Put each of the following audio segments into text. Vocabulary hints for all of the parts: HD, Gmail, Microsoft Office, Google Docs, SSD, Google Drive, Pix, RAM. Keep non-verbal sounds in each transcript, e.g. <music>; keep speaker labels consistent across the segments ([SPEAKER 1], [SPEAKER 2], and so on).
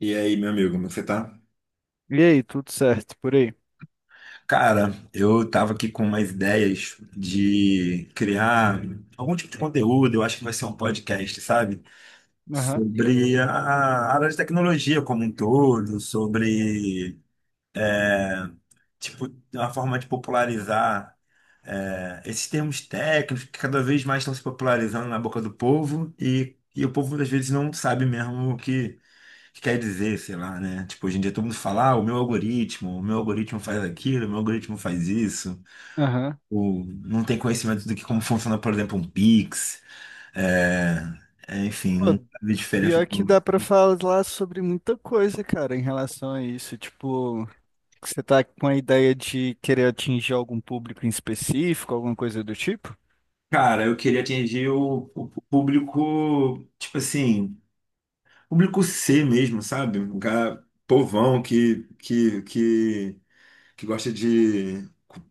[SPEAKER 1] E aí, meu amigo, como você tá?
[SPEAKER 2] E aí, tudo certo por aí?
[SPEAKER 1] Cara, eu tava aqui com umas ideias de criar algum tipo de conteúdo, eu acho que vai ser um podcast, sabe?
[SPEAKER 2] Aham,
[SPEAKER 1] Sobre a área de tecnologia como um todo, sobre, tipo, uma forma de popularizar esses termos técnicos que cada vez mais estão se popularizando na boca do povo e o povo, às vezes, não sabe mesmo o que quer dizer, sei lá, né? Tipo, hoje em dia todo mundo fala, ah, o meu algoritmo faz aquilo, o meu algoritmo faz isso.
[SPEAKER 2] aham.
[SPEAKER 1] O, não tem conhecimento do que como funciona, por exemplo, um Pix. É, enfim,
[SPEAKER 2] Pô,
[SPEAKER 1] não sabe a diferença.
[SPEAKER 2] pior que dá pra falar sobre muita coisa, cara, em relação a isso. Tipo, você tá com a ideia de querer atingir algum público em específico, alguma coisa do tipo?
[SPEAKER 1] Cara, eu queria atingir o público, tipo assim, público C mesmo, sabe? Um cara povão que gosta de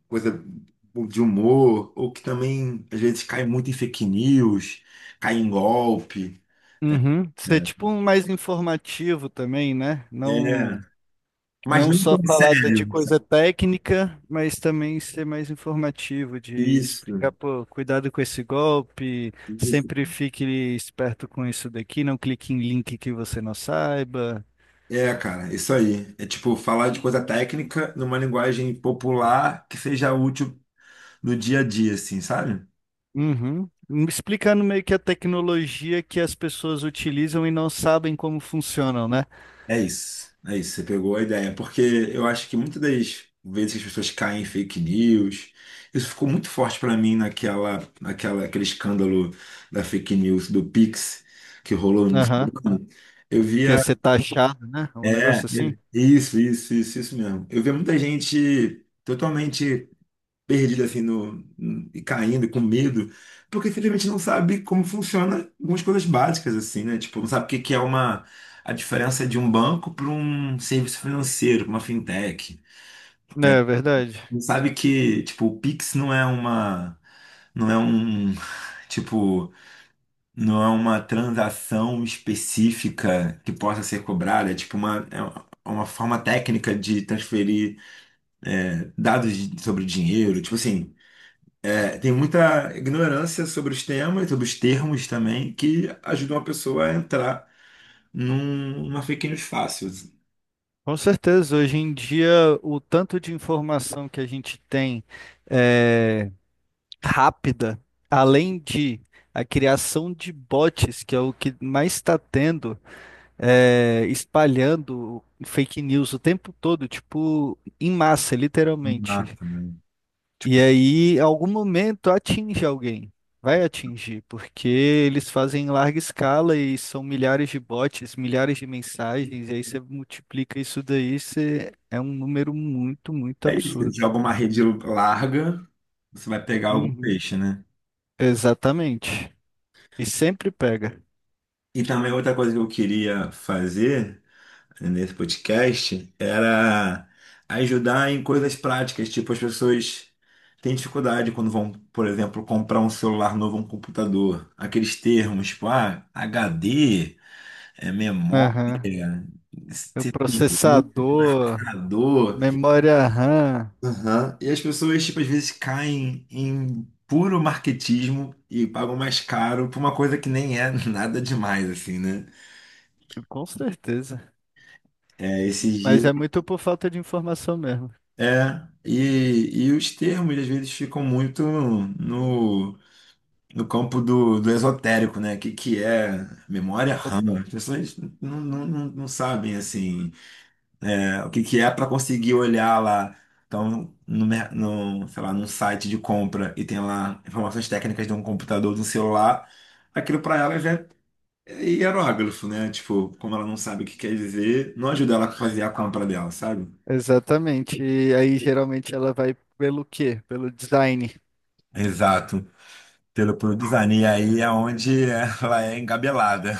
[SPEAKER 1] coisa de humor, ou que também às vezes cai muito em fake news, cai em golpe.
[SPEAKER 2] Uhum. Ser
[SPEAKER 1] Né?
[SPEAKER 2] tipo um mais informativo também, né?
[SPEAKER 1] É,
[SPEAKER 2] Não.
[SPEAKER 1] mas
[SPEAKER 2] Não
[SPEAKER 1] não
[SPEAKER 2] só
[SPEAKER 1] tão
[SPEAKER 2] falar de
[SPEAKER 1] sério.
[SPEAKER 2] coisa técnica, mas também ser mais informativo, de
[SPEAKER 1] Isso,
[SPEAKER 2] explicar, pô, cuidado com esse golpe,
[SPEAKER 1] isso.
[SPEAKER 2] sempre fique esperto com isso daqui, não clique em link que você não saiba.
[SPEAKER 1] É, cara, isso aí. É tipo falar de coisa técnica numa linguagem popular que seja útil no dia a dia, assim, sabe?
[SPEAKER 2] Uhum. Explicando meio que a tecnologia que as pessoas utilizam e não sabem como funcionam, né?
[SPEAKER 1] É isso, você pegou a ideia, porque eu acho que muitas das vezes que as pessoas caem em fake news, isso ficou muito forte pra mim aquele escândalo da fake news do Pix que rolou no
[SPEAKER 2] Aham.
[SPEAKER 1] Instagram. Eu
[SPEAKER 2] Que ia
[SPEAKER 1] via,
[SPEAKER 2] ser taxado, né? Um
[SPEAKER 1] é,
[SPEAKER 2] negócio assim.
[SPEAKER 1] isso mesmo. Eu via muita gente totalmente perdido assim no, e caindo com medo, porque simplesmente não sabe como funciona algumas coisas básicas assim, né? Tipo, não sabe o que que é uma a diferença de um banco para um serviço financeiro, pra uma fintech.
[SPEAKER 2] É verdade.
[SPEAKER 1] Não sabe que, tipo, o Pix não é uma não é um, <laughs> tipo, não é uma transação específica que possa ser cobrada, é tipo uma forma técnica de transferir dados sobre dinheiro, tipo assim. Tem muita ignorância sobre os temas, sobre os termos também, que ajudam a pessoa a entrar numa fake news fácil.
[SPEAKER 2] Com certeza, hoje em dia, o tanto de informação que a gente tem rápida, além de a criação de bots, que é o que mais está tendo, espalhando fake news o tempo todo, tipo, em massa, literalmente.
[SPEAKER 1] Exato, né?
[SPEAKER 2] E aí, em algum momento, atinge alguém. Vai atingir, porque eles fazem em larga escala e são milhares de bots, milhares de mensagens, e aí você multiplica isso daí, você é um número muito, muito
[SPEAKER 1] Você
[SPEAKER 2] absurdo.
[SPEAKER 1] joga uma rede larga, você vai pegar algum
[SPEAKER 2] Uhum.
[SPEAKER 1] peixe, né?
[SPEAKER 2] Exatamente. E sempre pega.
[SPEAKER 1] E também outra coisa que eu queria fazer, né, nesse podcast era ajudar em coisas práticas, tipo as pessoas têm dificuldade quando vão, por exemplo, comprar um celular novo, um computador. Aqueles termos, tipo, ah, HD, é memória.
[SPEAKER 2] Aham. O
[SPEAKER 1] Ser
[SPEAKER 2] processador,
[SPEAKER 1] provocador.
[SPEAKER 2] memória RAM,
[SPEAKER 1] Aham. E as pessoas, tipo, às vezes caem em puro marketismo e pagam mais caro por uma coisa que nem é <laughs> nada demais, assim, né?
[SPEAKER 2] com certeza.
[SPEAKER 1] É, esses
[SPEAKER 2] Mas
[SPEAKER 1] dias.
[SPEAKER 2] é muito por falta de informação mesmo.
[SPEAKER 1] É. E os termos, às vezes, ficam muito no, no campo do esotérico, né? O que é memória RAM? As pessoas não sabem, assim. É, o que que é para conseguir olhar lá. Então, no, no, sei lá, num site de compra e tem lá informações técnicas de um computador, de um celular, aquilo para ela já é hieróglifo, né? Tipo, como ela não sabe o que quer dizer, não ajuda ela a fazer a compra dela, sabe?
[SPEAKER 2] Exatamente. E aí geralmente ela vai pelo quê? Pelo design.
[SPEAKER 1] Exato. Pelo design. E aí é onde <laughs> ela é engabelada.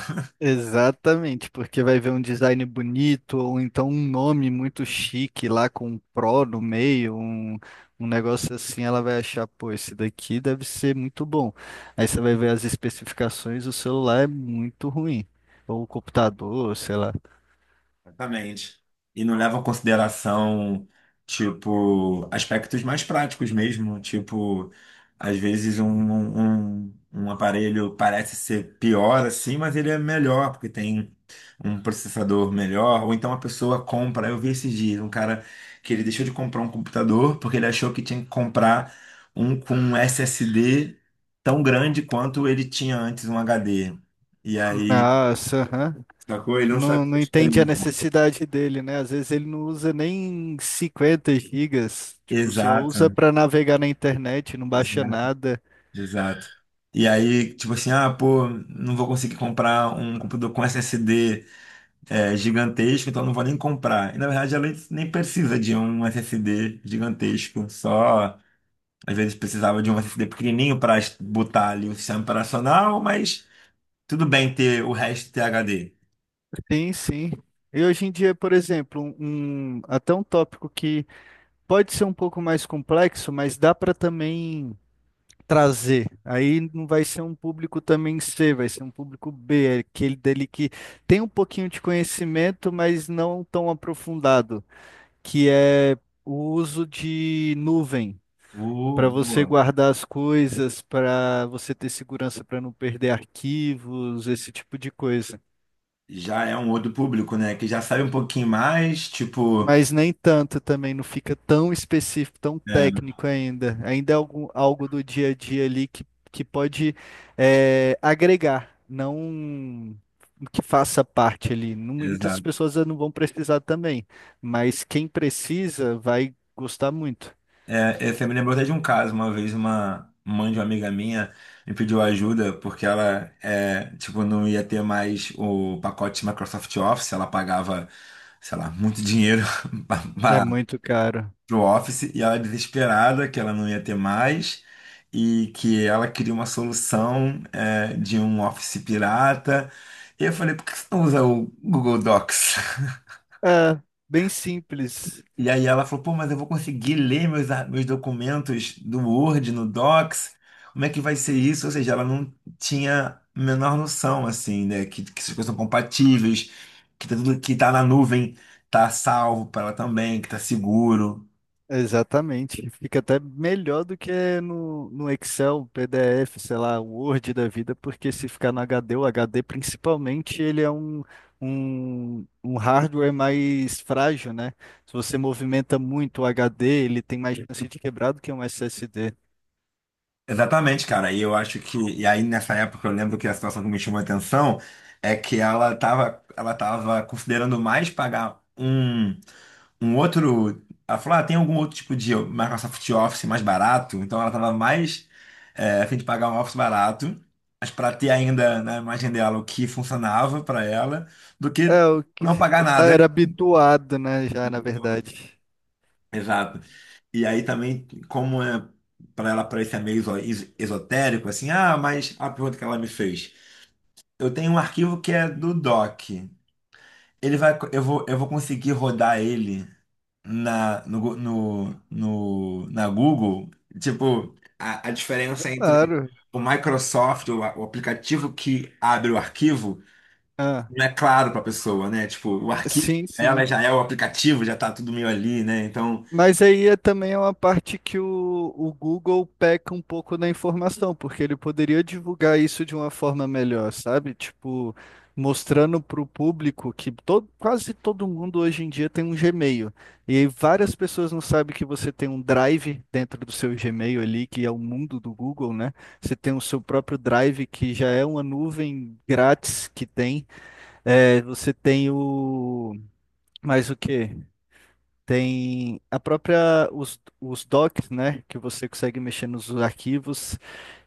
[SPEAKER 2] Exatamente, porque vai ver um design bonito ou então um nome muito chique lá com um pro no meio, um negócio assim, ela vai achar, pô, esse daqui deve ser muito bom. Aí você vai ver as especificações, o celular é muito ruim, ou o computador, sei lá.
[SPEAKER 1] Exatamente. E não leva em consideração, tipo, aspectos mais práticos mesmo. Tipo, às vezes um aparelho parece ser pior assim, mas ele é melhor, porque tem um processador melhor. Ou então a pessoa compra. Eu vi esses dias um cara que ele deixou de comprar um computador porque ele achou que tinha que comprar um com um SSD tão grande quanto ele tinha antes um HD. E aí,
[SPEAKER 2] Nossa, aham.
[SPEAKER 1] sacou? Ele não
[SPEAKER 2] Não,
[SPEAKER 1] sabia a
[SPEAKER 2] não entende a
[SPEAKER 1] diferença.
[SPEAKER 2] necessidade dele, né? Às vezes ele não usa nem 50 gigas, tipo, só usa
[SPEAKER 1] Exato.
[SPEAKER 2] para navegar na internet, não baixa
[SPEAKER 1] Exato.
[SPEAKER 2] nada.
[SPEAKER 1] Exato. E aí, tipo assim, ah, pô, não vou conseguir comprar um computador com SSD gigantesco, então não vou nem comprar. E na verdade ela nem precisa de um SSD gigantesco, só às vezes precisava de um SSD pequenininho para botar ali o sistema operacional, mas tudo bem ter o resto ter HD.
[SPEAKER 2] Sim, sim. E hoje em dia, por exemplo, até um tópico que pode ser um pouco mais complexo, mas dá para também trazer. Aí não vai ser um público também C, vai ser um público B, é aquele dele que tem um pouquinho de conhecimento, mas não tão aprofundado. Que é o uso de nuvem para você
[SPEAKER 1] Boa.
[SPEAKER 2] guardar as coisas, para você ter segurança para não perder arquivos, esse tipo de coisa.
[SPEAKER 1] Já é um outro público, né? Que já sabe um pouquinho mais, tipo.
[SPEAKER 2] Mas nem tanto também, não fica tão específico, tão
[SPEAKER 1] É.
[SPEAKER 2] técnico ainda. Ainda é algo do dia a dia ali que pode agregar, não que faça parte ali. Muitas pessoas não vão precisar também, mas quem precisa vai gostar muito.
[SPEAKER 1] É, você me lembrou até de um caso, uma vez uma mãe de uma amiga minha me pediu ajuda porque ela é, tipo, não ia ter mais o pacote Microsoft Office, ela pagava, sei lá, muito dinheiro <laughs>
[SPEAKER 2] É
[SPEAKER 1] para
[SPEAKER 2] muito caro.
[SPEAKER 1] o Office e ela desesperada que ela não ia ter mais e que ela queria uma solução de um Office pirata. E eu falei, por que você não usa o Google Docs?
[SPEAKER 2] É, bem simples.
[SPEAKER 1] E aí ela falou, pô, mas eu vou conseguir ler meus, meus documentos do Word, no Docs, como é que vai ser isso? Ou seja, ela não tinha a menor noção, assim, né, que essas coisas são compatíveis, que tá tudo que tá na nuvem tá salvo para ela também, que tá seguro.
[SPEAKER 2] Exatamente. Fica até melhor do que no Excel, PDF, sei lá, Word da vida, porque se ficar no HD, o HD principalmente, ele é um hardware mais frágil, né? Se você movimenta muito o HD, ele tem mais chance de quebrar do que um SSD.
[SPEAKER 1] Exatamente, cara, e eu acho que, e aí nessa época eu lembro que a situação que me chamou a atenção é que ela tava considerando mais pagar um outro. Ela falou: ah, tem algum outro tipo de Microsoft Office mais barato? Então ela estava mais a fim de pagar um Office barato, mas para ter ainda na imagem dela o que funcionava para ela, do que
[SPEAKER 2] É, o que
[SPEAKER 1] não pagar nada.
[SPEAKER 2] era habituado, né, já, na verdade.
[SPEAKER 1] Exato. E aí também, como é para ela parecer meio esotérico, assim, ah, mas a pergunta que ela me fez. Eu tenho um arquivo que é do Doc. Ele vai, eu vou conseguir rodar ele na, na Google, tipo, a diferença entre
[SPEAKER 2] Claro.
[SPEAKER 1] o Microsoft, o aplicativo que abre o arquivo,
[SPEAKER 2] Ah,
[SPEAKER 1] não é claro para a pessoa, né? Tipo, o arquivo,
[SPEAKER 2] sim,
[SPEAKER 1] ela
[SPEAKER 2] sim.
[SPEAKER 1] já é o aplicativo, já tá tudo meio ali, né? Então,
[SPEAKER 2] Mas aí é também uma parte que o Google peca um pouco na informação, porque ele poderia divulgar isso de uma forma melhor, sabe? Tipo, mostrando para o público que todo, quase todo mundo hoje em dia tem um Gmail. E aí várias pessoas não sabem que você tem um Drive dentro do seu Gmail ali, que é o mundo do Google, né? Você tem o seu próprio Drive, que já é uma nuvem grátis que tem. É, você tem o. Mais o quê? Tem a própria, os docs, né, que você consegue mexer nos arquivos,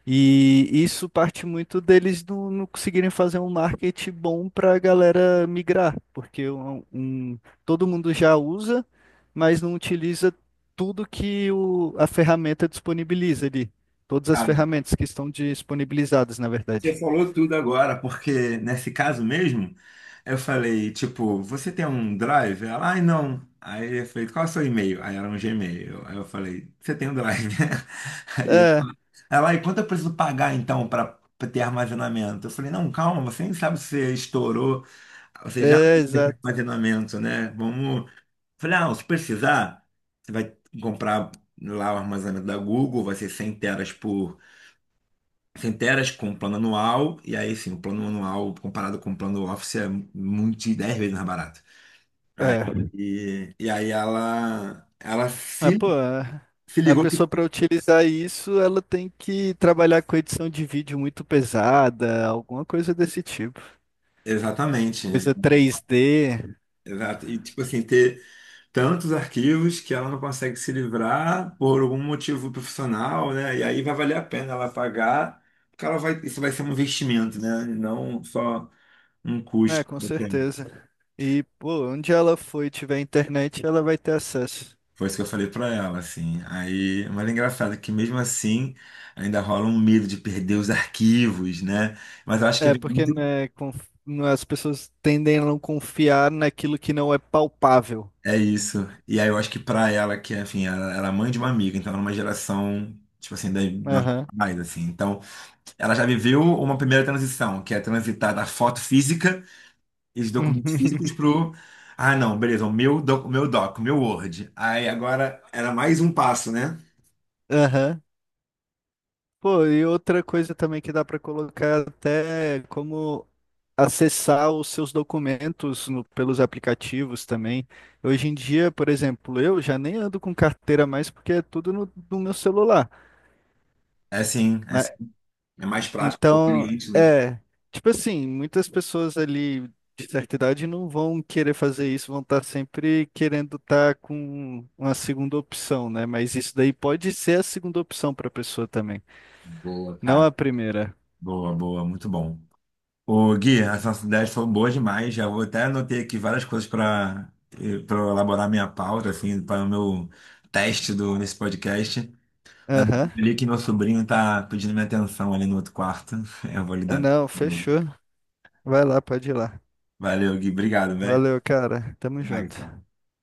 [SPEAKER 2] e isso parte muito deles não conseguirem fazer um marketing bom para a galera migrar, porque todo mundo já usa, mas não utiliza tudo que a ferramenta disponibiliza ali, todas as
[SPEAKER 1] cara,
[SPEAKER 2] ferramentas que estão disponibilizadas, na
[SPEAKER 1] você
[SPEAKER 2] verdade.
[SPEAKER 1] falou tudo agora, porque nesse caso mesmo, eu falei, tipo, você tem um Drive? Ela, ai, não. Aí eu falei, qual é o seu e-mail? Aí era um Gmail. Aí eu falei, você tem um Drive, né?
[SPEAKER 2] É,
[SPEAKER 1] <laughs> Ela, e quanto eu preciso pagar então para ter armazenamento? Eu falei, não, calma, você nem sabe se você estourou, você já
[SPEAKER 2] é,
[SPEAKER 1] tem
[SPEAKER 2] exato.
[SPEAKER 1] armazenamento, né? Vamos. Eu falei, ah, se precisar, você vai comprar lá o armazenamento da Google, vai ser 100 teras por 100 teras com plano anual, e aí sim, o plano anual comparado com o plano Office é muito de 10 vezes mais barato. Aí,
[SPEAKER 2] É.
[SPEAKER 1] e aí ela
[SPEAKER 2] Mas,
[SPEAKER 1] se,
[SPEAKER 2] pô, a
[SPEAKER 1] se
[SPEAKER 2] a
[SPEAKER 1] ligou que.
[SPEAKER 2] pessoa para utilizar isso, ela tem que trabalhar com edição de vídeo muito pesada, alguma coisa desse tipo.
[SPEAKER 1] Exatamente.
[SPEAKER 2] Coisa 3D,
[SPEAKER 1] Exato. E tipo assim, ter tantos arquivos que ela não consegue se livrar por algum motivo profissional, né? E aí vai valer a pena ela pagar, porque ela vai, isso vai ser um investimento, né? E não só um
[SPEAKER 2] né,
[SPEAKER 1] custo
[SPEAKER 2] com
[SPEAKER 1] qualquer.
[SPEAKER 2] certeza. E, pô, onde ela for e tiver internet, ela vai ter acesso.
[SPEAKER 1] Foi isso que eu falei para ela, assim. Aí, mas é engraçado que mesmo assim ainda rola um medo de perder os arquivos, né? Mas eu acho que é
[SPEAKER 2] É, porque,
[SPEAKER 1] muito
[SPEAKER 2] né, né, as pessoas tendem a não confiar naquilo que não é palpável.
[SPEAKER 1] é isso. E aí eu acho que pra ela, que enfim, ela é mãe de uma amiga, então ela é uma geração, tipo assim, da, da
[SPEAKER 2] Aham.
[SPEAKER 1] mais, assim. Então ela já viveu uma primeira transição, que é transitar da foto física e dos documentos
[SPEAKER 2] <laughs>
[SPEAKER 1] físicos pro. Ah, não, beleza, o meu Word. Aí agora era mais um passo, né?
[SPEAKER 2] Aham. Pô, e outra coisa também que dá para colocar até como acessar os seus documentos pelos aplicativos também. Hoje em dia, por exemplo, eu já nem ando com carteira mais porque é tudo no meu celular.
[SPEAKER 1] É assim, é
[SPEAKER 2] Mas,
[SPEAKER 1] assim, é mais prático,
[SPEAKER 2] então,
[SPEAKER 1] conveniente, né?
[SPEAKER 2] é, tipo assim, muitas pessoas ali de certa idade não vão querer fazer isso, vão estar sempre querendo estar com uma segunda opção, né? Mas isso daí pode ser a segunda opção para a pessoa também,
[SPEAKER 1] Boa,
[SPEAKER 2] não
[SPEAKER 1] cara.
[SPEAKER 2] a primeira.
[SPEAKER 1] Boa, boa, muito bom. Ô, Gui, as nossas ideias foram boas demais. Já vou até anotei aqui várias coisas para para elaborar minha pauta, assim, para o meu teste do, nesse podcast. Mas eu
[SPEAKER 2] Aham.
[SPEAKER 1] li que meu sobrinho tá pedindo minha atenção ali no outro quarto. <laughs> Eu vou lhe dar.
[SPEAKER 2] Não, fechou. Vai lá, pode ir lá.
[SPEAKER 1] Valeu, Gui. Obrigado, velho.
[SPEAKER 2] Valeu, cara. Tamo
[SPEAKER 1] Até mais.
[SPEAKER 2] junto.